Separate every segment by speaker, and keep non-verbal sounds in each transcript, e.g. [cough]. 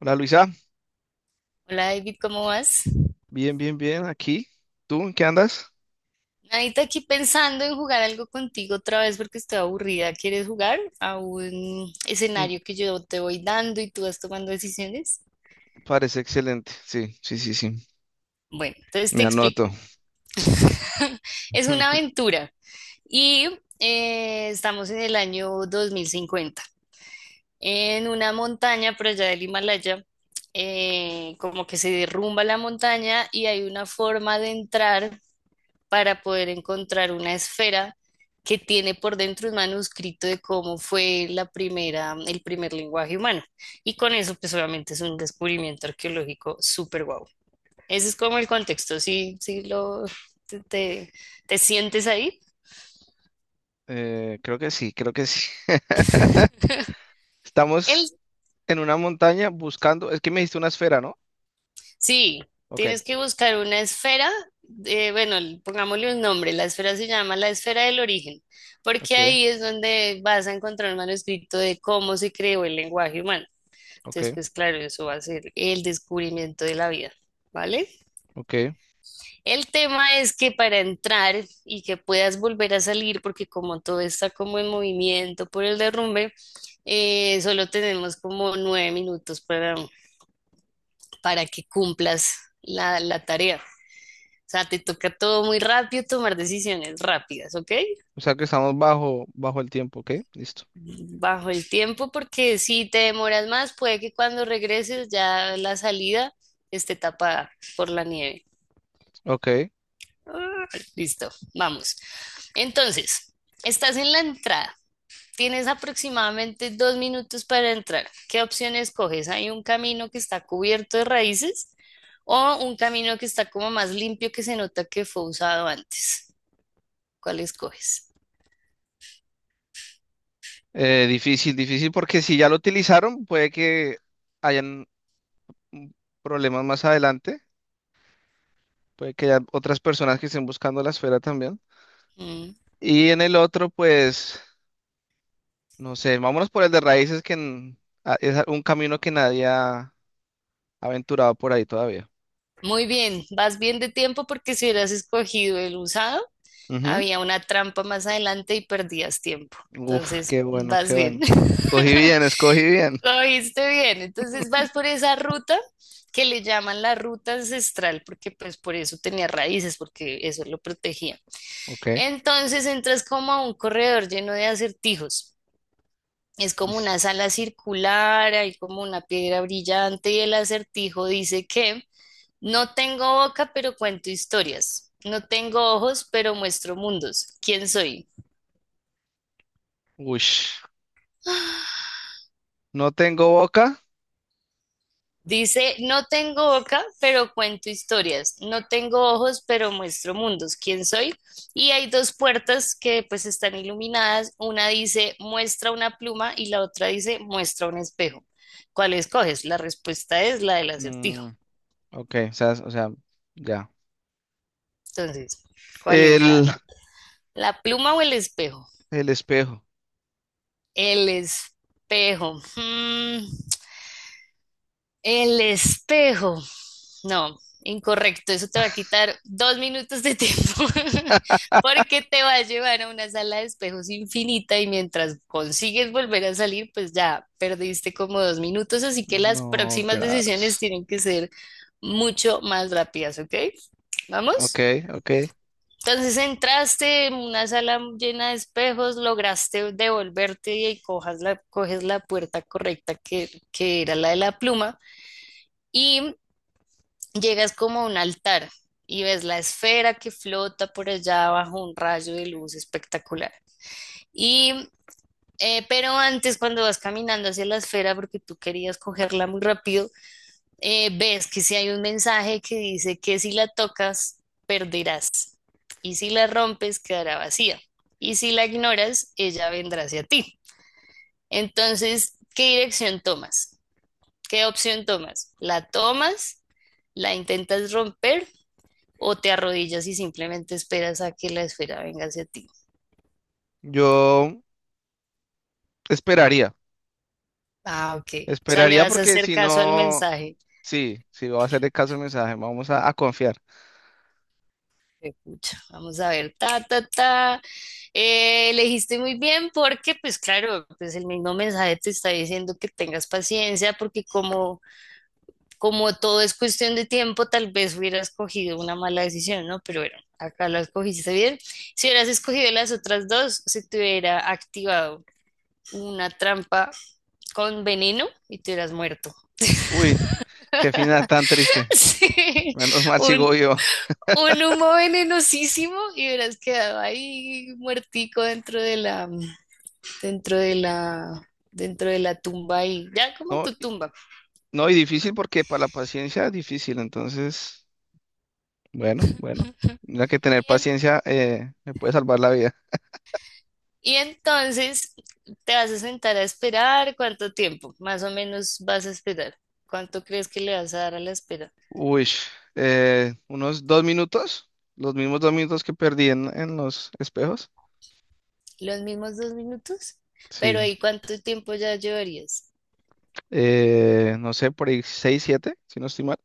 Speaker 1: Hola Luisa,
Speaker 2: Hola David, ¿cómo vas?
Speaker 1: bien, bien, bien, aquí. ¿Tú en qué andas?
Speaker 2: Nadita aquí pensando en jugar algo contigo otra vez porque estoy aburrida. ¿Quieres jugar a un
Speaker 1: Mm.
Speaker 2: escenario que yo te voy dando y tú vas tomando decisiones?
Speaker 1: Parece excelente. Sí, sí, sí, sí.
Speaker 2: Bueno, entonces te
Speaker 1: Me
Speaker 2: explico.
Speaker 1: anoto.
Speaker 2: [laughs] Es una
Speaker 1: [laughs]
Speaker 2: aventura y estamos en el año 2050, en una montaña por allá del Himalaya. Como que se derrumba la montaña y hay una forma de entrar para poder encontrar una esfera que tiene por dentro un manuscrito de cómo fue la primera, el primer lenguaje humano. Y con eso, pues obviamente es un descubrimiento arqueológico súper guau. Ese es como el contexto, si lo, te, te- te sientes ahí.
Speaker 1: Creo que sí, creo que sí. [laughs]
Speaker 2: El,
Speaker 1: Estamos en una montaña buscando. Es que me diste una esfera, ¿no?
Speaker 2: sí,
Speaker 1: Ok,
Speaker 2: tienes que buscar una esfera, bueno, pongámosle un nombre, la esfera se llama la esfera del origen, porque
Speaker 1: ok,
Speaker 2: ahí es donde vas a encontrar un manuscrito de cómo se creó el lenguaje humano. Entonces,
Speaker 1: ok,
Speaker 2: pues claro, eso va a ser el descubrimiento de la vida, ¿vale?
Speaker 1: ok.
Speaker 2: El tema es que para entrar y que puedas volver a salir, porque como todo está como en movimiento por el derrumbe, solo tenemos como 9 minutos para que cumplas la tarea. O sea, te toca todo muy rápido, tomar decisiones rápidas, ¿ok?
Speaker 1: O sea que estamos bajo el tiempo, ¿ok? Listo.
Speaker 2: Bajo el tiempo, porque si te demoras más, puede que cuando regreses ya la salida esté tapada por la nieve.
Speaker 1: Ok.
Speaker 2: Ah, listo, vamos. Entonces, estás en la entrada. Tienes aproximadamente 2 minutos para entrar. ¿Qué opción escoges? ¿Hay un camino que está cubierto de raíces o un camino que está como más limpio que se nota que fue usado antes? ¿Cuál escoges?
Speaker 1: Difícil, difícil, porque si ya lo utilizaron, puede que hayan mm, problemas más adelante. Puede que haya otras personas que estén buscando la esfera también.
Speaker 2: Mm.
Speaker 1: Y en el otro, pues, no sé, vámonos por el de raíces, que es un camino que nadie ha aventurado por ahí todavía.
Speaker 2: Muy bien, vas bien de tiempo porque si hubieras escogido el usado,
Speaker 1: Ujú.
Speaker 2: había una trampa más adelante y perdías tiempo.
Speaker 1: Uf,
Speaker 2: Entonces,
Speaker 1: qué bueno, qué
Speaker 2: vas bien.
Speaker 1: bueno. Cogí bien, escogí bien.
Speaker 2: Lo viste bien, entonces vas por esa ruta que le llaman la ruta ancestral, porque pues por eso tenía raíces, porque eso lo protegía.
Speaker 1: Ok,
Speaker 2: Entonces entras como a un corredor lleno de acertijos. Es como
Speaker 1: listo.
Speaker 2: una sala circular, hay como una piedra brillante y el acertijo dice que no tengo boca, pero cuento historias. No tengo ojos, pero muestro mundos. ¿Quién soy?
Speaker 1: Ush, no tengo boca.
Speaker 2: Dice, no tengo boca, pero cuento historias. No tengo ojos, pero muestro mundos. ¿Quién soy? Y hay dos puertas que pues están iluminadas. Una dice, muestra una pluma y la otra dice, muestra un espejo. ¿Cuál escoges? La respuesta es la del acertijo.
Speaker 1: Mm, ok, o sea, ya.
Speaker 2: Entonces, ¿cuál es la,
Speaker 1: El,
Speaker 2: la pluma o el espejo?
Speaker 1: el espejo.
Speaker 2: El espejo. El espejo. No, incorrecto. Eso te va a quitar 2 minutos de tiempo [laughs] porque te va a llevar a una sala de espejos infinita y mientras consigues volver a salir, pues ya perdiste como 2 minutos. Así que las
Speaker 1: No,
Speaker 2: próximas decisiones
Speaker 1: graves.
Speaker 2: tienen que ser mucho más rápidas, ¿ok?
Speaker 1: Ok,
Speaker 2: ¿Vamos?
Speaker 1: ok.
Speaker 2: Entonces entraste en una sala llena de espejos, lograste devolverte y coges la puerta correcta que era la de la pluma. Y llegas como a un altar y ves la esfera que flota por allá bajo un rayo de luz espectacular. Y, pero antes, cuando vas caminando hacia la esfera, porque tú querías cogerla muy rápido, ves que si hay un mensaje que dice que si la tocas, perderás. Y si la rompes, quedará vacía. Y si la ignoras, ella vendrá hacia ti. Entonces, ¿qué dirección tomas? ¿Qué opción tomas? ¿La tomas? ¿La intentas romper? O te arrodillas y simplemente esperas a que la esfera venga hacia ti.
Speaker 1: Yo esperaría,
Speaker 2: Ah, ok. O sea, le
Speaker 1: esperaría
Speaker 2: vas a
Speaker 1: porque
Speaker 2: hacer
Speaker 1: si
Speaker 2: caso al
Speaker 1: no.
Speaker 2: mensaje.
Speaker 1: Sí, sí, voy a hacerle caso al mensaje, vamos a confiar.
Speaker 2: Escucha, vamos a ver, ta, ta, ta. Elegiste muy bien porque, pues claro, pues el mismo mensaje te está diciendo que tengas paciencia porque como todo es cuestión de tiempo, tal vez hubieras cogido una mala decisión, ¿no? Pero bueno, acá la escogiste bien. Si hubieras escogido las otras dos, se te hubiera activado una trampa con veneno y te hubieras muerto.
Speaker 1: Uy, qué final tan
Speaker 2: [laughs]
Speaker 1: triste.
Speaker 2: Sí,
Speaker 1: Menos mal
Speaker 2: un,
Speaker 1: sigo yo. [laughs]
Speaker 2: un humo venenosísimo y hubieras quedado ahí muertico dentro de la, dentro de la, dentro de la tumba y ya como
Speaker 1: No,
Speaker 2: tu tumba.
Speaker 1: no, y difícil porque para la paciencia es difícil, entonces, bueno, bueno. Mira que tener
Speaker 2: Y, en-
Speaker 1: paciencia me puede salvar la vida.
Speaker 2: y entonces te vas a sentar a esperar cuánto tiempo, más o menos vas a esperar. ¿Cuánto crees que le vas a dar a la espera?
Speaker 1: Uy, unos 2 minutos, los mismos 2 minutos que perdí en los espejos.
Speaker 2: Los mismos 2 minutos, pero
Speaker 1: Sí.
Speaker 2: ahí cuánto tiempo ya llevarías.
Speaker 1: No sé, por ahí 6 7, si no estoy mal.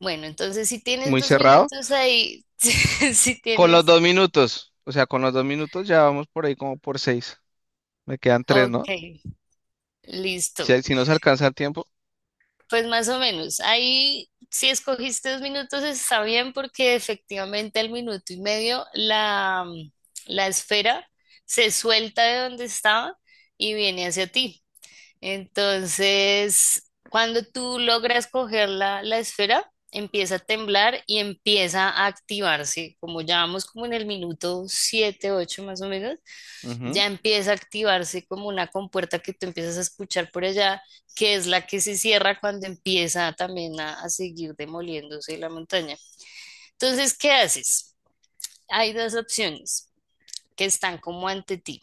Speaker 2: Bueno, entonces si tienes
Speaker 1: Muy
Speaker 2: dos
Speaker 1: cerrado.
Speaker 2: minutos ahí, [laughs] si
Speaker 1: Con los
Speaker 2: tienes,
Speaker 1: 2 minutos. O sea, con los 2 minutos ya vamos por ahí como por 6. Me quedan 3, ¿no?
Speaker 2: ok. Listo.
Speaker 1: Si, si no se alcanza el tiempo.
Speaker 2: Pues más o menos. Ahí, si escogiste 2 minutos, está bien porque efectivamente al minuto y medio la esfera se suelta de donde estaba y viene hacia ti. Entonces, cuando tú logras coger la esfera, empieza a temblar y empieza a activarse, como ya vamos como en el minuto 7 8 más o menos
Speaker 1: Ujú,
Speaker 2: ya empieza a activarse como una compuerta que tú empiezas a escuchar por allá, que es la que se cierra cuando empieza también a seguir demoliéndose la montaña. Entonces, ¿qué haces? Hay dos opciones que están como ante ti.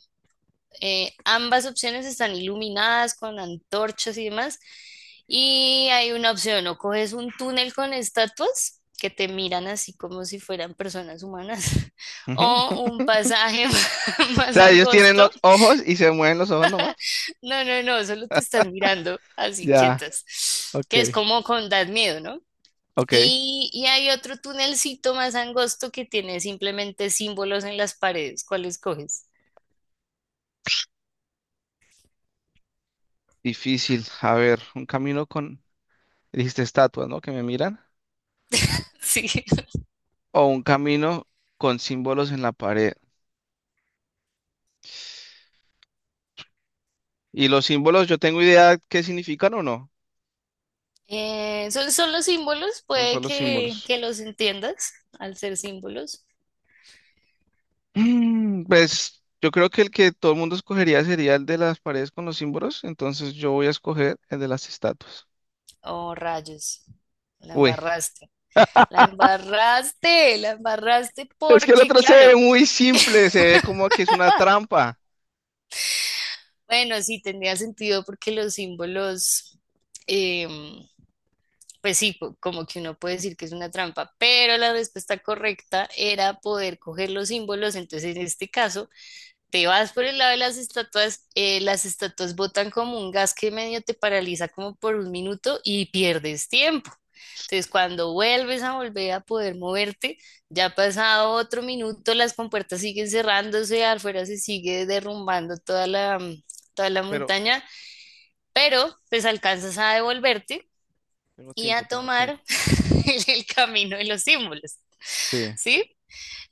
Speaker 2: Ambas opciones están iluminadas con antorchas y demás. Y hay una opción, o coges un túnel con estatuas que te miran así como si fueran personas humanas, [laughs]
Speaker 1: ujú.
Speaker 2: o
Speaker 1: [laughs]
Speaker 2: un pasaje [laughs]
Speaker 1: O
Speaker 2: más
Speaker 1: sea, ellos tienen
Speaker 2: angosto.
Speaker 1: los ojos y se mueven los ojos nomás.
Speaker 2: No, no, no, solo te estás mirando así
Speaker 1: Ya,
Speaker 2: quietas,
Speaker 1: ok,
Speaker 2: que es como con das miedo, ¿no?
Speaker 1: ok.
Speaker 2: Y hay otro tunelcito más angosto que tiene simplemente símbolos en las paredes. ¿Cuáles coges?
Speaker 1: Difícil. A ver, un camino con, dijiste estatuas, ¿no? Que me miran.
Speaker 2: [laughs] Sí.
Speaker 1: O un camino con símbolos en la pared. Y los símbolos, yo tengo idea qué significan o no.
Speaker 2: Son los símbolos,
Speaker 1: Son
Speaker 2: puede
Speaker 1: solo
Speaker 2: que,
Speaker 1: símbolos.
Speaker 2: que los entiendas al ser símbolos.
Speaker 1: Pues yo creo que el que todo el mundo escogería sería el de las paredes con los símbolos, entonces yo voy a escoger el de las estatuas.
Speaker 2: Oh, rayos, la
Speaker 1: Uy,
Speaker 2: embarraste. La embarraste, la embarraste
Speaker 1: es que el
Speaker 2: porque,
Speaker 1: otro se ve
Speaker 2: claro,
Speaker 1: muy simple, se ve como que es una trampa,
Speaker 2: bueno, sí, tenía sentido porque los símbolos... em, pues sí, como que uno puede decir que es una trampa, pero la respuesta correcta era poder coger los símbolos. Entonces, en este caso, te vas por el lado de las estatuas botan como un gas que medio te paraliza como por un minuto y pierdes tiempo. Entonces, cuando vuelves a volver a poder moverte, ya ha pasado otro minuto, las compuertas siguen cerrándose, afuera se sigue derrumbando toda la
Speaker 1: pero
Speaker 2: montaña, pero pues alcanzas a devolverte
Speaker 1: tengo
Speaker 2: y
Speaker 1: tiempo,
Speaker 2: a
Speaker 1: tengo tiempo.
Speaker 2: tomar [laughs] el camino de los símbolos.
Speaker 1: Sí.
Speaker 2: ¿Sí?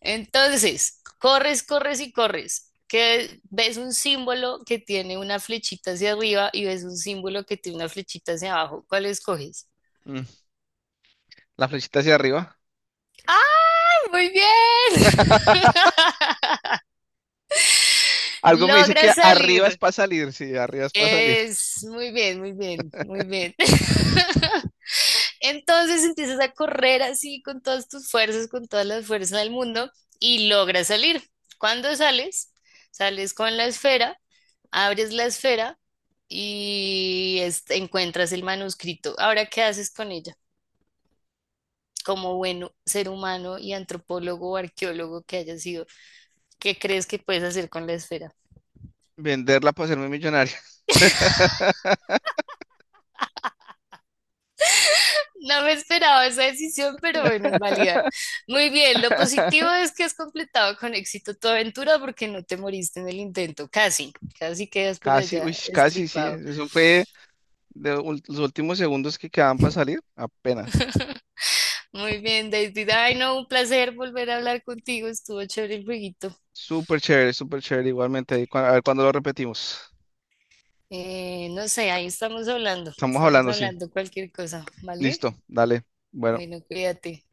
Speaker 2: Entonces, corres, corres y corres, que ves un símbolo que tiene una flechita hacia arriba y ves un símbolo que tiene una flechita hacia abajo. ¿Cuál escoges?
Speaker 1: Mm, La flechita hacia arriba.
Speaker 2: ¡Ah, muy bien! [laughs]
Speaker 1: Algo me dice que
Speaker 2: Logras
Speaker 1: arriba es
Speaker 2: salir.
Speaker 1: para salir, sí, arriba es para salir.
Speaker 2: Es muy bien, muy bien, muy bien. [laughs] Entonces empiezas a correr así con todas tus fuerzas, con todas las fuerzas del mundo y logras salir. Cuando sales, sales con la esfera, abres la esfera y este, encuentras el manuscrito. Ahora, ¿qué haces con ella? Como bueno ser humano y antropólogo o arqueólogo que hayas sido, ¿qué crees que puedes hacer con la esfera?
Speaker 1: Venderla para hacerme millonario. [laughs]
Speaker 2: No me esperaba esa decisión, pero bueno, es válida. Muy bien, lo positivo es que has completado con éxito tu aventura porque no te moriste en el intento, casi, casi quedas por
Speaker 1: Casi,
Speaker 2: allá
Speaker 1: uy, casi, sí.
Speaker 2: estripado.
Speaker 1: Eso fue de los últimos segundos que quedaban para salir, apenas.
Speaker 2: Muy bien, David. Ay, no, un placer volver a hablar contigo, estuvo chévere el jueguito.
Speaker 1: Súper chévere igualmente. Ahí a ver cuándo lo repetimos.
Speaker 2: No sé, ahí
Speaker 1: Estamos
Speaker 2: estamos
Speaker 1: hablando, sí.
Speaker 2: hablando cualquier cosa, ¿vale?
Speaker 1: Listo, dale. Bueno.
Speaker 2: Bueno, cuídate.